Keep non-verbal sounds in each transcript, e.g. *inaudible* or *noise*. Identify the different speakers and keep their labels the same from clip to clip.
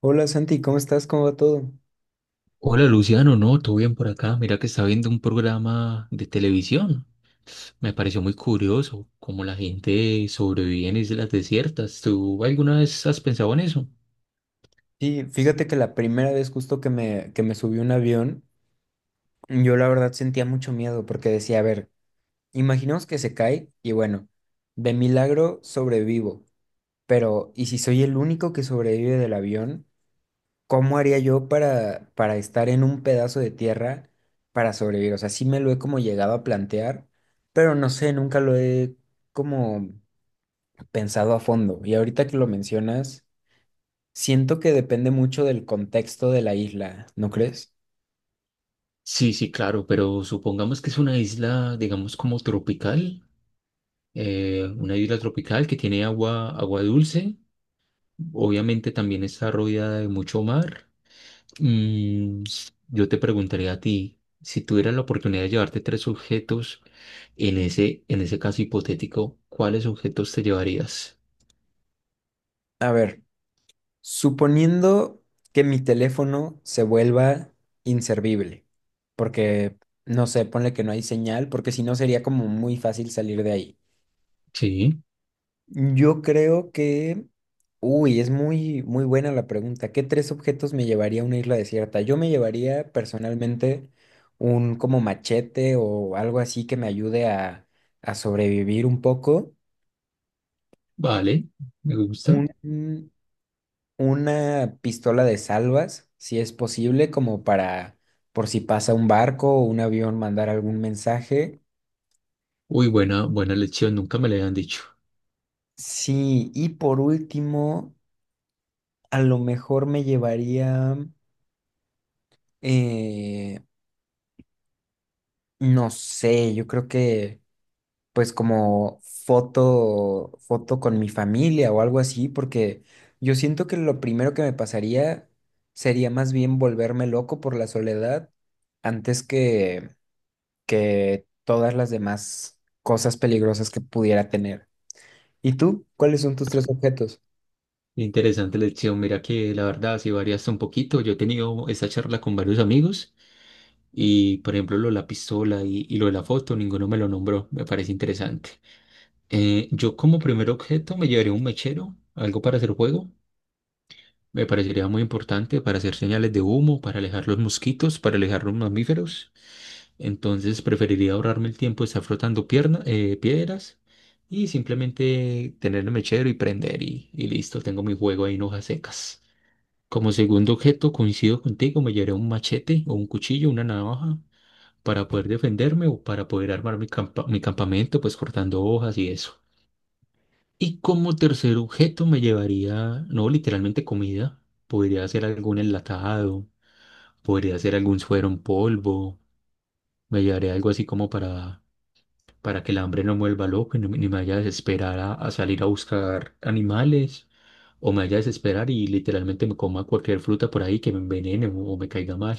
Speaker 1: Hola Santi, ¿cómo estás? ¿Cómo va todo?
Speaker 2: Hola Luciano, no, todo bien por acá. Mira que estaba viendo un programa de televisión. Me pareció muy curioso cómo la gente sobrevive en islas desiertas. ¿Tú alguna vez has pensado en eso?
Speaker 1: Sí, fíjate que la primera vez justo que me subí a un avión, yo la verdad sentía mucho miedo porque decía, a ver, imaginemos que se cae y bueno, de milagro sobrevivo, pero ¿y si soy el único que sobrevive del avión? ¿Cómo haría yo para estar en un pedazo de tierra para sobrevivir? O sea, sí me lo he como llegado a plantear, pero no sé, nunca lo he como pensado a fondo. Y ahorita que lo mencionas, siento que depende mucho del contexto de la isla, ¿no crees?
Speaker 2: Sí, sí, claro, pero supongamos que es una isla, digamos, como tropical, una isla tropical que tiene agua dulce. Obviamente también está rodeada de mucho mar. Mm, yo te preguntaría a ti, si tuvieras la oportunidad de llevarte tres objetos. En ese caso hipotético, ¿cuáles objetos te llevarías?
Speaker 1: A ver, suponiendo que mi teléfono se vuelva inservible, porque, no sé, ponle que no hay señal, porque si no sería como muy fácil salir de ahí.
Speaker 2: Sí,
Speaker 1: Yo creo que, uy, es muy, muy buena la pregunta. ¿Qué tres objetos me llevaría a una isla desierta? Yo me llevaría personalmente un como machete o algo así que me ayude a sobrevivir un poco.
Speaker 2: vale, me gusta.
Speaker 1: Un, una pistola de salvas, si es posible, como para, por si pasa un barco o un avión, mandar algún mensaje.
Speaker 2: Uy, buena lección, nunca me la habían dicho.
Speaker 1: Sí, y por último, a lo mejor me llevaría, eh, no sé, yo creo que pues como foto, foto con mi familia o algo así, porque yo siento que lo primero que me pasaría sería más bien volverme loco por la soledad antes que todas las demás cosas peligrosas que pudiera tener. ¿Y tú? ¿Cuáles son tus tres objetos?
Speaker 2: Interesante lección, mira que la verdad sí varía hasta un poquito. Yo he tenido esta charla con varios amigos y, por ejemplo, lo de la pistola y lo de la foto, ninguno me lo nombró, me parece interesante. Yo como primer objeto me llevaría un mechero, algo para hacer fuego. Me parecería muy importante para hacer señales de humo, para alejar los mosquitos, para alejar los mamíferos. Entonces preferiría ahorrarme el tiempo de estar frotando piedras y simplemente tener el mechero y prender y listo, tengo mi juego ahí en hojas secas. Como segundo objeto, coincido contigo, me llevaré un machete o un cuchillo, una navaja para poder defenderme o para poder armar mi campamento, pues cortando hojas y eso. Y como tercer objeto me llevaría, no literalmente comida, podría ser algún enlatado, podría ser algún suero en polvo, me llevaría algo así como para que el hambre no me vuelva loco y no, ni me vaya a desesperar a salir a buscar animales, o me vaya a desesperar y literalmente me coma cualquier fruta por ahí que me envenene o me caiga mal.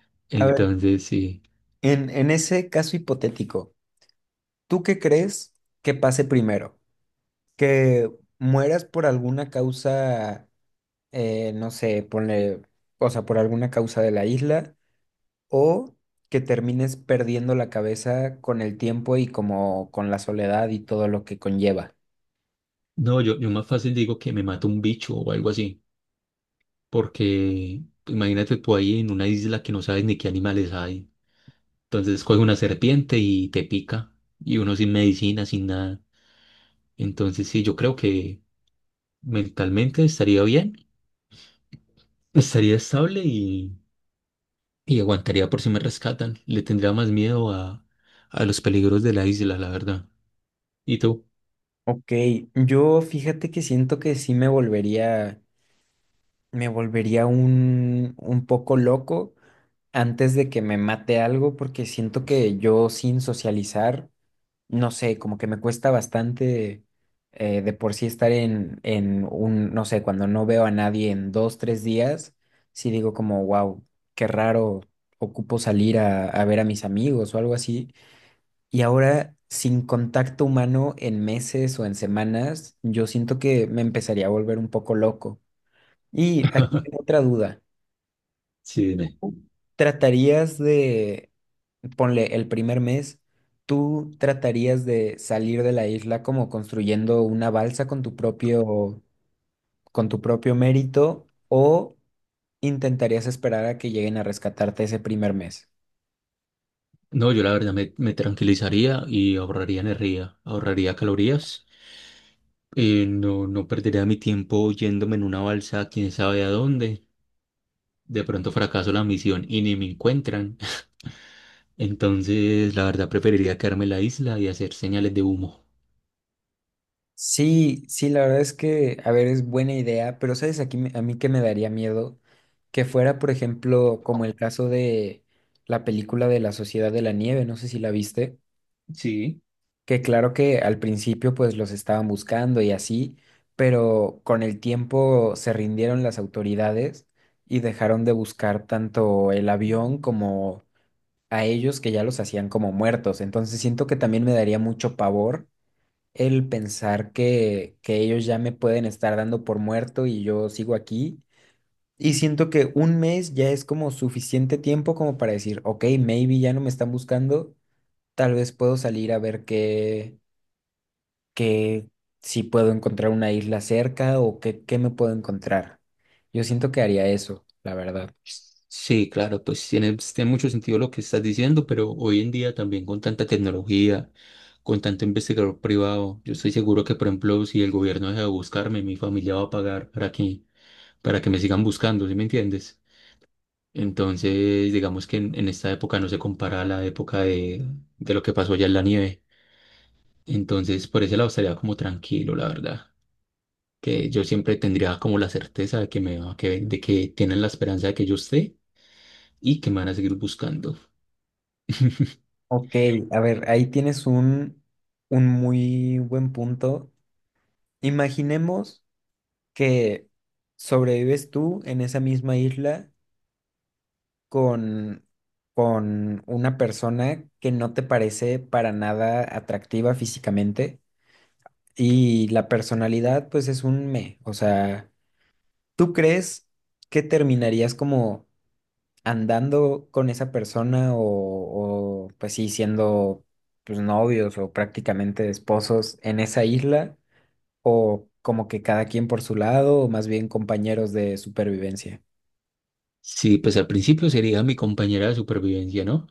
Speaker 2: *laughs*
Speaker 1: A ver,
Speaker 2: Entonces, sí.
Speaker 1: en ese caso hipotético, ¿tú qué crees que pase primero? ¿Que mueras por alguna causa, no sé, ponle, o sea, por alguna causa de la isla, o que termines perdiendo la cabeza con el tiempo y como con la soledad y todo lo que conlleva?
Speaker 2: No, yo más fácil digo que me mata un bicho o algo así, porque imagínate tú ahí en una isla que no sabes ni qué animales hay. Entonces coge una serpiente y te pica, y uno sin medicina, sin nada. Entonces sí, yo creo que mentalmente estaría bien, *laughs* estaría estable y aguantaría por si me rescatan. Le tendría más miedo a los peligros de la isla, la verdad. ¿Y tú?
Speaker 1: Ok, yo fíjate que siento que sí me volvería un poco loco antes de que me mate algo, porque siento que yo sin socializar, no sé, como que me cuesta bastante de por sí estar en un, no sé, cuando no veo a nadie en dos, tres días, sí digo como, wow, qué raro, ocupo salir a ver a mis amigos o algo así. Y ahora, sin contacto humano en meses o en semanas, yo siento que me empezaría a volver un poco loco. Y aquí tengo otra duda.
Speaker 2: Sí, dime.
Speaker 1: Tratarías de, ponle el primer mes, tú tratarías de salir de la isla como construyendo una balsa con tu propio mérito o intentarías esperar a que lleguen a rescatarte ese primer mes.
Speaker 2: No, yo la verdad me tranquilizaría y ahorraría energía, ahorraría calorías. No, no perdería mi tiempo yéndome en una balsa, quién sabe a dónde. De pronto fracaso la misión y ni me encuentran. Entonces, la verdad, preferiría quedarme en la isla y hacer señales de humo.
Speaker 1: Sí, sí, la verdad es que, a ver, es buena idea, pero sabes, aquí me- a mí que me daría miedo que fuera, por ejemplo, como el caso de la película de La Sociedad de la Nieve, no sé si la viste.
Speaker 2: Sí.
Speaker 1: Que claro que al principio pues los estaban buscando y así, pero con el tiempo se rindieron las autoridades y dejaron de buscar tanto el avión como a ellos que ya los hacían como muertos. Entonces siento que también me daría mucho pavor el pensar que ellos ya me pueden estar dando por muerto y yo sigo aquí. Y siento que un mes ya es como suficiente tiempo como para decir, ok, maybe ya no me están buscando, tal vez puedo salir a ver qué que si puedo encontrar una isla cerca o qué, qué me puedo encontrar. Yo siento que haría eso, la verdad.
Speaker 2: Sí, claro, pues tiene, tiene mucho sentido lo que estás diciendo, pero hoy en día también con tanta tecnología, con tanto investigador privado, yo estoy seguro que, por ejemplo, si el gobierno deja de buscarme, mi familia va a pagar para que me sigan buscando, ¿sí me entiendes? Entonces, digamos que en esta época no se compara a la época de lo que pasó allá en la nieve. Entonces, por ese lado estaría como tranquilo, la verdad. Que yo siempre tendría como la certeza de que que, de que tienen la esperanza de que yo esté y que me van a seguir buscando. *laughs*
Speaker 1: Ok, a ver, ahí tienes un muy buen punto. Imaginemos que sobrevives tú en esa misma isla con, con una persona que no te parece para nada atractiva físicamente y la personalidad pues es un me. O sea, ¿tú crees que terminarías como andando con esa persona o, pues sí, siendo pues novios o prácticamente esposos en esa isla o como que cada quien por su lado o más bien compañeros de supervivencia?
Speaker 2: Sí, pues al principio sería mi compañera de supervivencia, ¿no?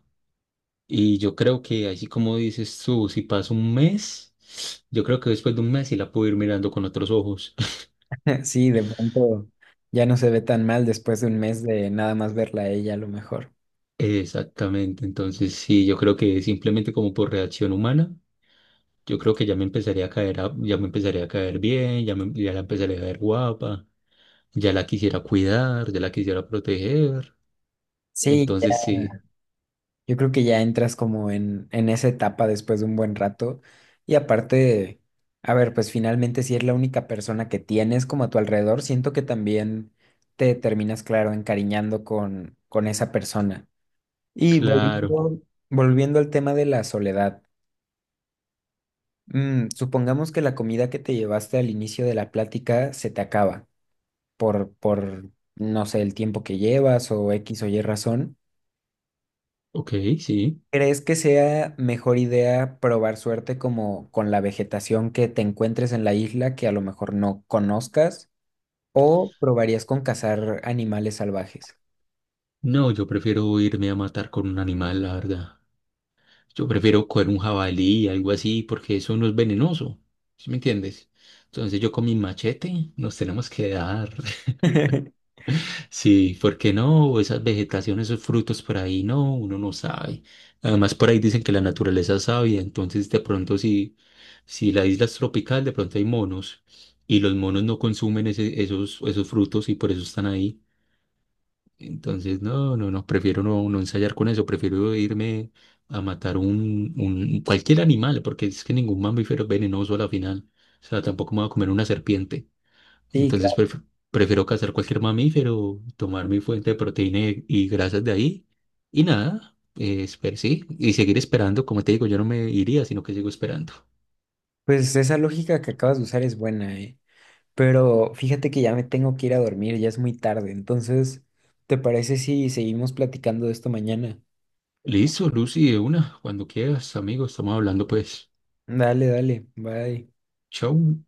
Speaker 2: Y yo creo que así como dices tú, si pasa un mes, yo creo que después de un mes sí la puedo ir mirando con otros ojos. *laughs*
Speaker 1: *laughs* Sí, de pronto ya no se ve tan mal después de un mes de nada más verla a ella a lo mejor.
Speaker 2: Exactamente, entonces sí, yo creo que simplemente como por reacción humana, yo creo que ya me empezaría a caer, ya me empezaría a caer bien, ya me, ya la empezaría a ver guapa. Ya la quisiera cuidar, ya la quisiera proteger.
Speaker 1: Sí,
Speaker 2: Entonces sí,
Speaker 1: yo creo que ya entras como en esa etapa después de un buen rato. Y aparte, a ver, pues finalmente si es la única persona que tienes como a tu alrededor, siento que también te terminas, claro, encariñando con esa persona. Y
Speaker 2: claro.
Speaker 1: volviendo al tema de la soledad, mm, supongamos que la comida que te llevaste al inicio de la plática se te acaba por, no sé, el tiempo que llevas o X o Y razón.
Speaker 2: Ok, sí.
Speaker 1: ¿Crees que sea mejor idea probar suerte como con la vegetación que te encuentres en la isla que a lo mejor no conozcas? ¿O probarías con cazar animales salvajes?
Speaker 2: No, yo prefiero irme a matar con un animal, la verdad. Yo prefiero coger un jabalí, algo así, porque eso no es venenoso. ¿Sí me entiendes? Entonces yo con mi machete nos tenemos que dar.
Speaker 1: *laughs*
Speaker 2: Sí, porque no? Esas vegetaciones, esos frutos por ahí, no, uno no sabe. Además, por ahí dicen que la naturaleza es sabia, entonces de pronto si, si la isla es tropical, de pronto hay monos y los monos no consumen esos, esos frutos y por eso están ahí. Entonces, no, no, no, prefiero no, no ensayar con eso, prefiero irme a matar un cualquier animal, porque es que ningún mamífero es venenoso a la final. O sea, tampoco me voy a comer una serpiente.
Speaker 1: Sí, claro.
Speaker 2: Entonces pref- Prefiero cazar cualquier mamífero, tomar mi fuente de proteína y grasas de ahí y nada, sí, y seguir esperando. Como te digo, yo no me iría, sino que sigo esperando.
Speaker 1: Pues esa lógica que acabas de usar es buena, ¿eh? Pero fíjate que ya me tengo que ir a dormir, ya es muy tarde. Entonces, ¿te parece si seguimos platicando de esto mañana?
Speaker 2: Listo, Lucy, de una, cuando quieras, amigo estamos hablando pues.
Speaker 1: Dale, dale, bye.
Speaker 2: Chau.